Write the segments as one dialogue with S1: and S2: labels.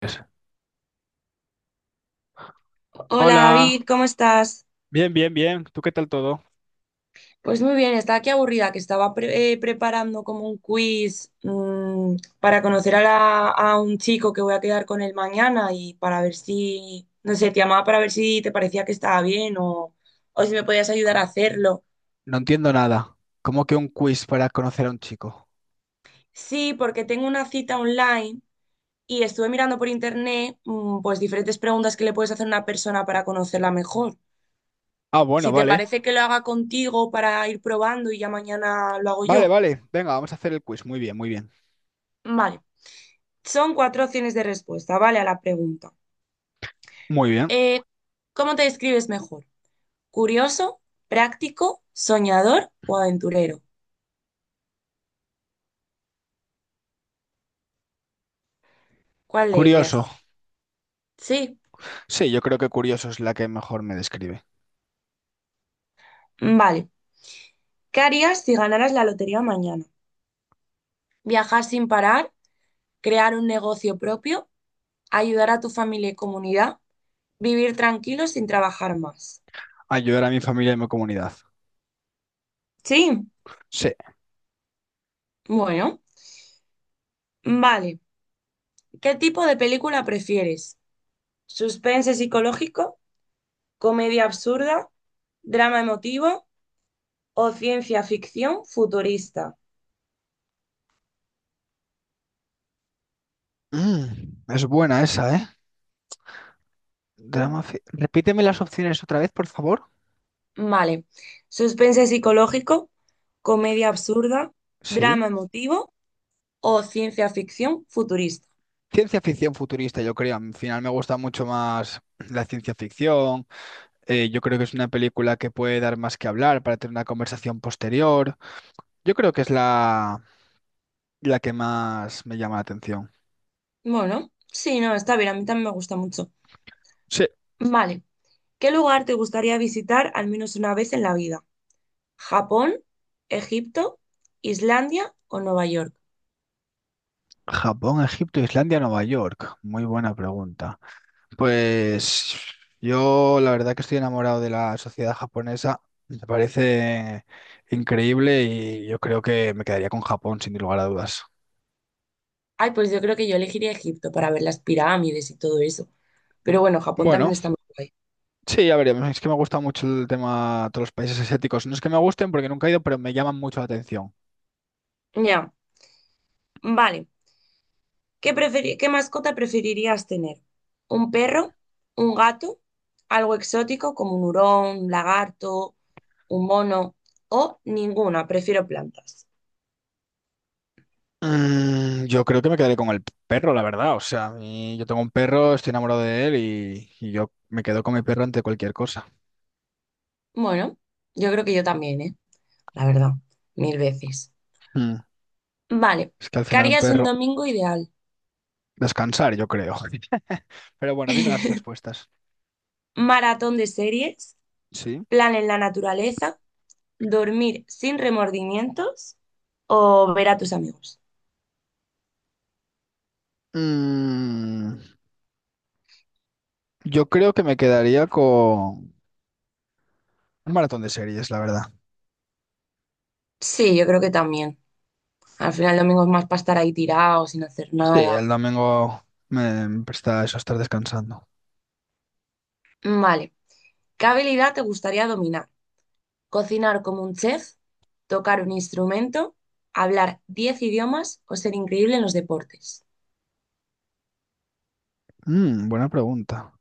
S1: Pues,
S2: Hola David,
S1: hola,
S2: ¿cómo estás?
S1: bien, bien, bien. ¿Tú qué tal todo?
S2: Pues muy bien, estaba aquí aburrida, que estaba preparando como un quiz, para conocer a un chico que voy a quedar con él mañana y para ver si, no sé, te llamaba para ver si te parecía que estaba bien o si me podías ayudar a hacerlo.
S1: No entiendo nada. ¿Cómo que un quiz para conocer a un chico?
S2: Sí, porque tengo una cita online y estuve mirando por internet, pues diferentes preguntas que le puedes hacer a una persona para conocerla mejor.
S1: Ah, bueno,
S2: Si te
S1: vale.
S2: parece que lo haga contigo para ir probando y ya mañana lo hago
S1: Vale,
S2: yo.
S1: vale. Venga, vamos a hacer el quiz. Muy bien, muy bien.
S2: Vale. Son cuatro opciones de respuesta, ¿vale? A la pregunta.
S1: Muy bien.
S2: Eh, ¿cómo te describes mejor? ¿Curioso, práctico, soñador o aventurero? ¿Cuál de ellas?
S1: Curioso.
S2: Sí,
S1: Sí, yo creo que curioso es la que mejor me describe.
S2: vale. ¿Qué harías si ganaras la lotería mañana? ¿Viajar sin parar? ¿Crear un negocio propio? ¿Ayudar a tu familia y comunidad? ¿Vivir tranquilo sin trabajar más?
S1: Ayudar a mi familia y mi comunidad.
S2: Sí,
S1: Sí.
S2: bueno, vale. ¿Qué tipo de película prefieres? ¿Suspense psicológico? ¿Comedia absurda? ¿Drama emotivo? ¿O ciencia ficción futurista?
S1: Mm, es buena esa, ¿eh? Repíteme las opciones otra vez, por favor.
S2: Vale. Suspense psicológico, comedia absurda,
S1: Sí.
S2: drama emotivo o ciencia ficción futurista.
S1: Ciencia ficción futurista, yo creo. Al final me gusta mucho más la ciencia ficción. Yo creo que es una película que puede dar más que hablar para tener una conversación posterior. Yo creo que es la que más me llama la atención.
S2: Bueno, sí, no, está bien, a mí también me gusta mucho.
S1: Sí,
S2: Vale. ¿Qué lugar te gustaría visitar al menos una vez en la vida? ¿Japón, Egipto, Islandia o Nueva York?
S1: Japón, Egipto, Islandia, Nueva York. Muy buena pregunta. Pues yo la verdad que estoy enamorado de la sociedad japonesa. Me parece increíble y yo creo que me quedaría con Japón sin lugar a dudas.
S2: Ay, pues yo creo que yo elegiría Egipto para ver las pirámides y todo eso. Pero bueno, Japón también
S1: Bueno,
S2: está muy guay.
S1: sí, ya veremos. Es que me gusta mucho el tema de todos los países asiáticos. No es que me gusten porque nunca he ido, pero me llaman mucho la atención.
S2: Ya, vale. ¿Qué mascota preferirías tener? ¿Un perro? ¿Un gato? ¿Algo exótico como un hurón, un lagarto, un mono? ¿O ninguna? Prefiero plantas.
S1: Yo creo que me quedaré con el perro, la verdad. O sea, yo tengo un perro, estoy enamorado de él y yo me quedo con mi perro ante cualquier cosa.
S2: Bueno, yo creo que yo también, ¿eh? La verdad, mil veces.
S1: Mm.
S2: Vale,
S1: Es que al
S2: ¿qué
S1: final un
S2: harías un
S1: perro,
S2: domingo ideal?
S1: descansar, yo creo. Pero bueno, dime las respuestas.
S2: Maratón de series,
S1: Sí.
S2: plan en la naturaleza, dormir sin remordimientos o ver a tus amigos.
S1: Mm, yo creo que me quedaría con un maratón de series, la verdad.
S2: Sí, yo creo que también. Al final el domingo es más para estar ahí tirado, sin hacer
S1: Sí,
S2: nada.
S1: el domingo me presta eso estar descansando.
S2: Vale. ¿Qué habilidad te gustaría dominar? ¿Cocinar como un chef? ¿Tocar un instrumento? ¿Hablar 10 idiomas o ser increíble en los deportes?
S1: Buena pregunta.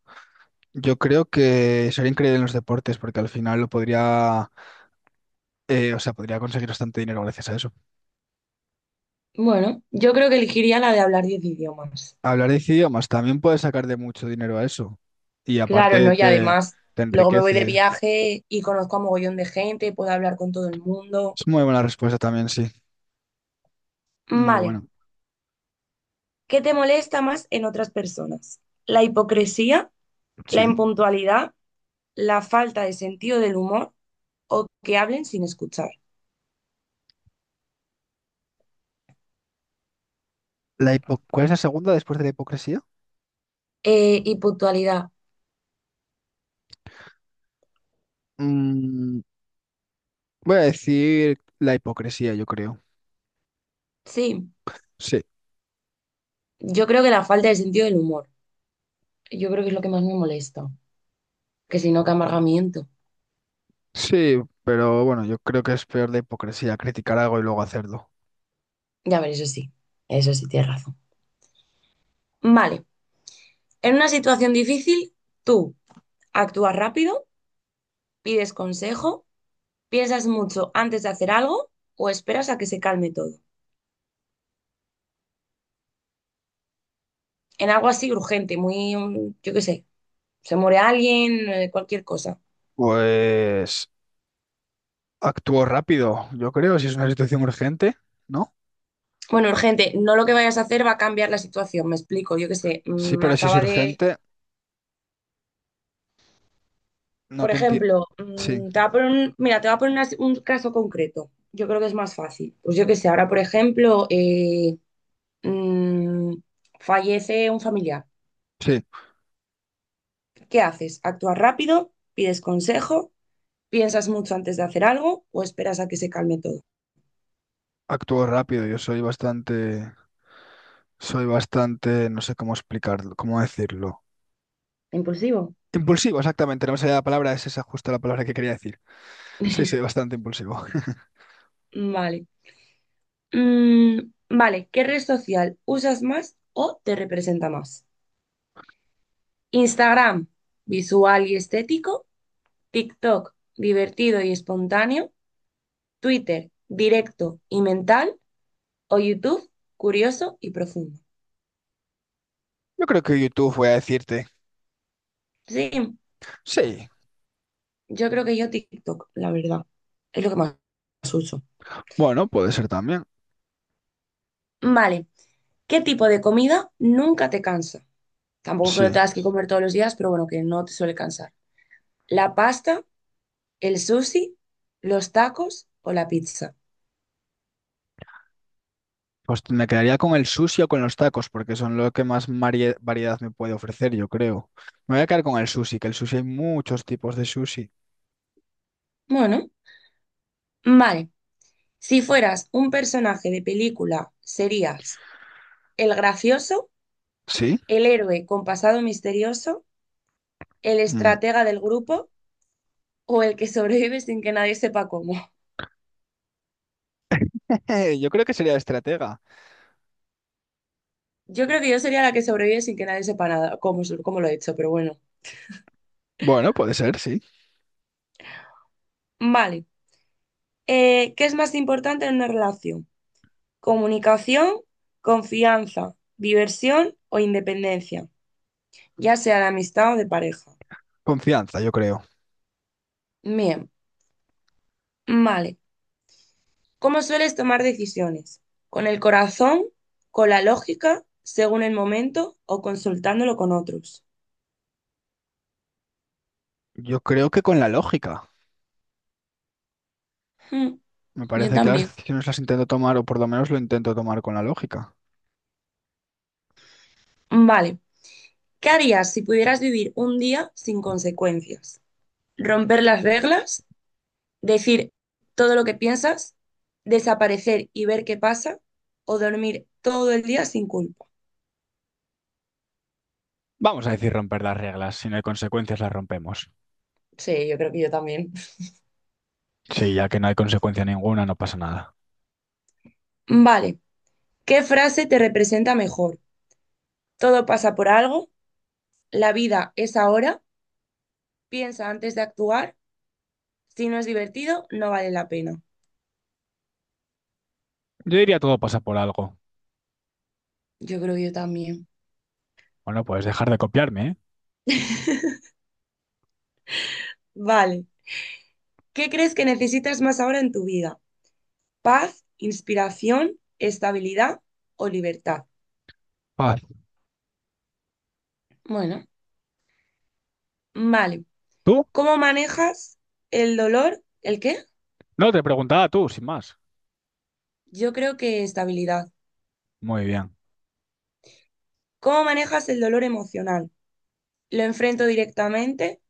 S1: Yo creo que sería increíble en los deportes porque al final lo podría, o sea, podría conseguir bastante dinero gracias a eso.
S2: Bueno, yo creo que elegiría la de hablar 10 idiomas.
S1: Hablar 10 idiomas también puedes sacar de mucho dinero a eso. Y
S2: Claro,
S1: aparte
S2: ¿no? Y
S1: te,
S2: además,
S1: te
S2: luego me voy de
S1: enriquece.
S2: viaje y conozco a mogollón de gente, puedo hablar con todo el mundo.
S1: Es muy buena respuesta también, sí. Muy
S2: Vale.
S1: buena.
S2: ¿Qué te molesta más en otras personas? ¿La hipocresía? ¿La
S1: Sí.
S2: impuntualidad? ¿La falta de sentido del humor o que hablen sin escuchar?
S1: ¿Cuál es la segunda después de la hipocresía?
S2: Y puntualidad.
S1: Mm, voy a decir la hipocresía, yo creo.
S2: Sí,
S1: Sí.
S2: yo creo que la falta de sentido del humor. Yo creo que es lo que más me molesta. Que si no, que amargamiento.
S1: Sí, pero bueno, yo creo que es peor la hipocresía, criticar algo y luego hacerlo.
S2: Ya ver, eso sí. Eso sí, tienes razón. Vale. En una situación difícil, tú actúas rápido, pides consejo, piensas mucho antes de hacer algo o esperas a que se calme todo. En algo así urgente, muy, yo qué sé, se muere alguien, cualquier cosa.
S1: Pues actúo rápido, yo creo, si es una situación urgente, ¿no?
S2: Bueno, urgente, no lo que vayas a hacer va a cambiar la situación, me explico, yo qué sé,
S1: Sí, pero si es
S2: acaba de,
S1: urgente, no
S2: por
S1: te entiendo.
S2: ejemplo,
S1: Sí,
S2: te va a poner un, mira, te va a poner una- si, un caso concreto, yo creo que es más fácil. Pues yo qué sé, ahora, por ejemplo, mm, fallece un familiar,
S1: sí.
S2: ¿qué haces? ¿Actúas rápido? ¿Pides consejo? ¿Piensas mucho antes de hacer algo o esperas a que se calme todo?
S1: Actúo rápido, yo soy bastante, no sé cómo explicarlo, cómo decirlo.
S2: Impulsivo.
S1: Impulsivo, exactamente, no me salía la palabra, es esa justo la palabra que quería decir. Sí, sí, bastante impulsivo.
S2: Vale. Vale, ¿qué red social usas más o te representa más? Instagram, visual y estético. TikTok, divertido y espontáneo. Twitter, directo y mental. O YouTube, curioso y profundo.
S1: Yo creo que YouTube voy a decirte.
S2: Sí,
S1: Sí,
S2: yo creo que yo TikTok, la verdad. Es lo que más uso.
S1: bueno, puede ser también.
S2: Vale. ¿Qué tipo de comida nunca te cansa? Tampoco que
S1: Sí.
S2: lo tengas que comer todos los días, pero bueno, que no te suele cansar. ¿La pasta, el sushi, los tacos o la pizza?
S1: Pues me quedaría con el sushi o con los tacos, porque son lo que más variedad me puede ofrecer, yo creo. Me voy a quedar con el sushi, que el sushi hay muchos tipos de sushi.
S2: Bueno, vale. Si fueras un personaje de película, serías el gracioso,
S1: ¿Sí?
S2: el héroe con pasado misterioso, el
S1: Mm.
S2: estratega del grupo o el que sobrevive sin que nadie sepa cómo.
S1: Yo creo que sería estratega.
S2: Yo creo que yo sería la que sobrevive sin que nadie sepa nada, cómo lo he hecho, pero bueno.
S1: Bueno, puede ser, sí.
S2: Vale. ¿Qué es más importante en una relación? ¿Comunicación, confianza, diversión o independencia? Ya sea de amistad o de pareja.
S1: Confianza, yo creo.
S2: Bien, vale. ¿Cómo sueles tomar decisiones? ¿Con el corazón? ¿Con la lógica? ¿Según el momento? ¿O consultándolo con otros?
S1: Yo creo que con la lógica.
S2: Hmm,
S1: Me
S2: yo
S1: parece que las
S2: también.
S1: decisiones las intento tomar, o por lo menos lo intento tomar con la lógica.
S2: Vale. ¿Qué harías si pudieras vivir un día sin consecuencias? ¿Romper las reglas? ¿Decir todo lo que piensas? ¿Desaparecer y ver qué pasa? ¿O dormir todo el día sin culpa?
S1: Vamos a decir romper las reglas. Si no hay consecuencias, las rompemos.
S2: Sí, yo creo que yo también.
S1: Sí, ya que no hay consecuencia ninguna, no pasa nada.
S2: Vale. ¿Qué frase te representa mejor? ¿Todo pasa por algo? ¿La vida es ahora? ¿Piensa antes de actuar? Si no es divertido, no vale la pena.
S1: Yo diría todo pasa por algo.
S2: Yo creo que yo también.
S1: Bueno, puedes dejar de copiarme, ¿eh?
S2: Vale. ¿Qué crees que necesitas más ahora en tu vida? ¿Paz, inspiración, estabilidad o libertad?
S1: Paz.
S2: Bueno, vale.
S1: ¿Tú?
S2: ¿Cómo manejas el dolor? ¿El qué?
S1: No, te preguntaba tú, sin más.
S2: Yo creo que estabilidad.
S1: Muy bien.
S2: ¿Cómo manejas el dolor emocional? ¿Lo enfrento directamente?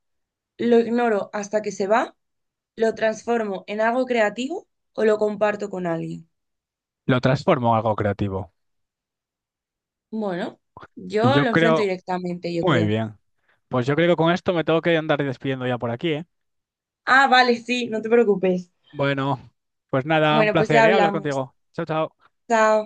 S2: ¿Lo ignoro hasta que se va? ¿Lo transformo en algo creativo o lo comparto con alguien?
S1: Lo transformo en algo creativo.
S2: Bueno,
S1: Y
S2: yo
S1: yo
S2: lo enfrento
S1: creo...
S2: directamente, yo
S1: Muy
S2: creo.
S1: bien. Pues yo creo que con esto me tengo que andar despidiendo ya por aquí, ¿eh?
S2: Ah, vale, sí, no te preocupes.
S1: Bueno, pues nada, un
S2: Bueno, pues
S1: placer,
S2: ya
S1: ¿eh? Hablar
S2: hablamos.
S1: contigo. Chao, chao.
S2: Chao.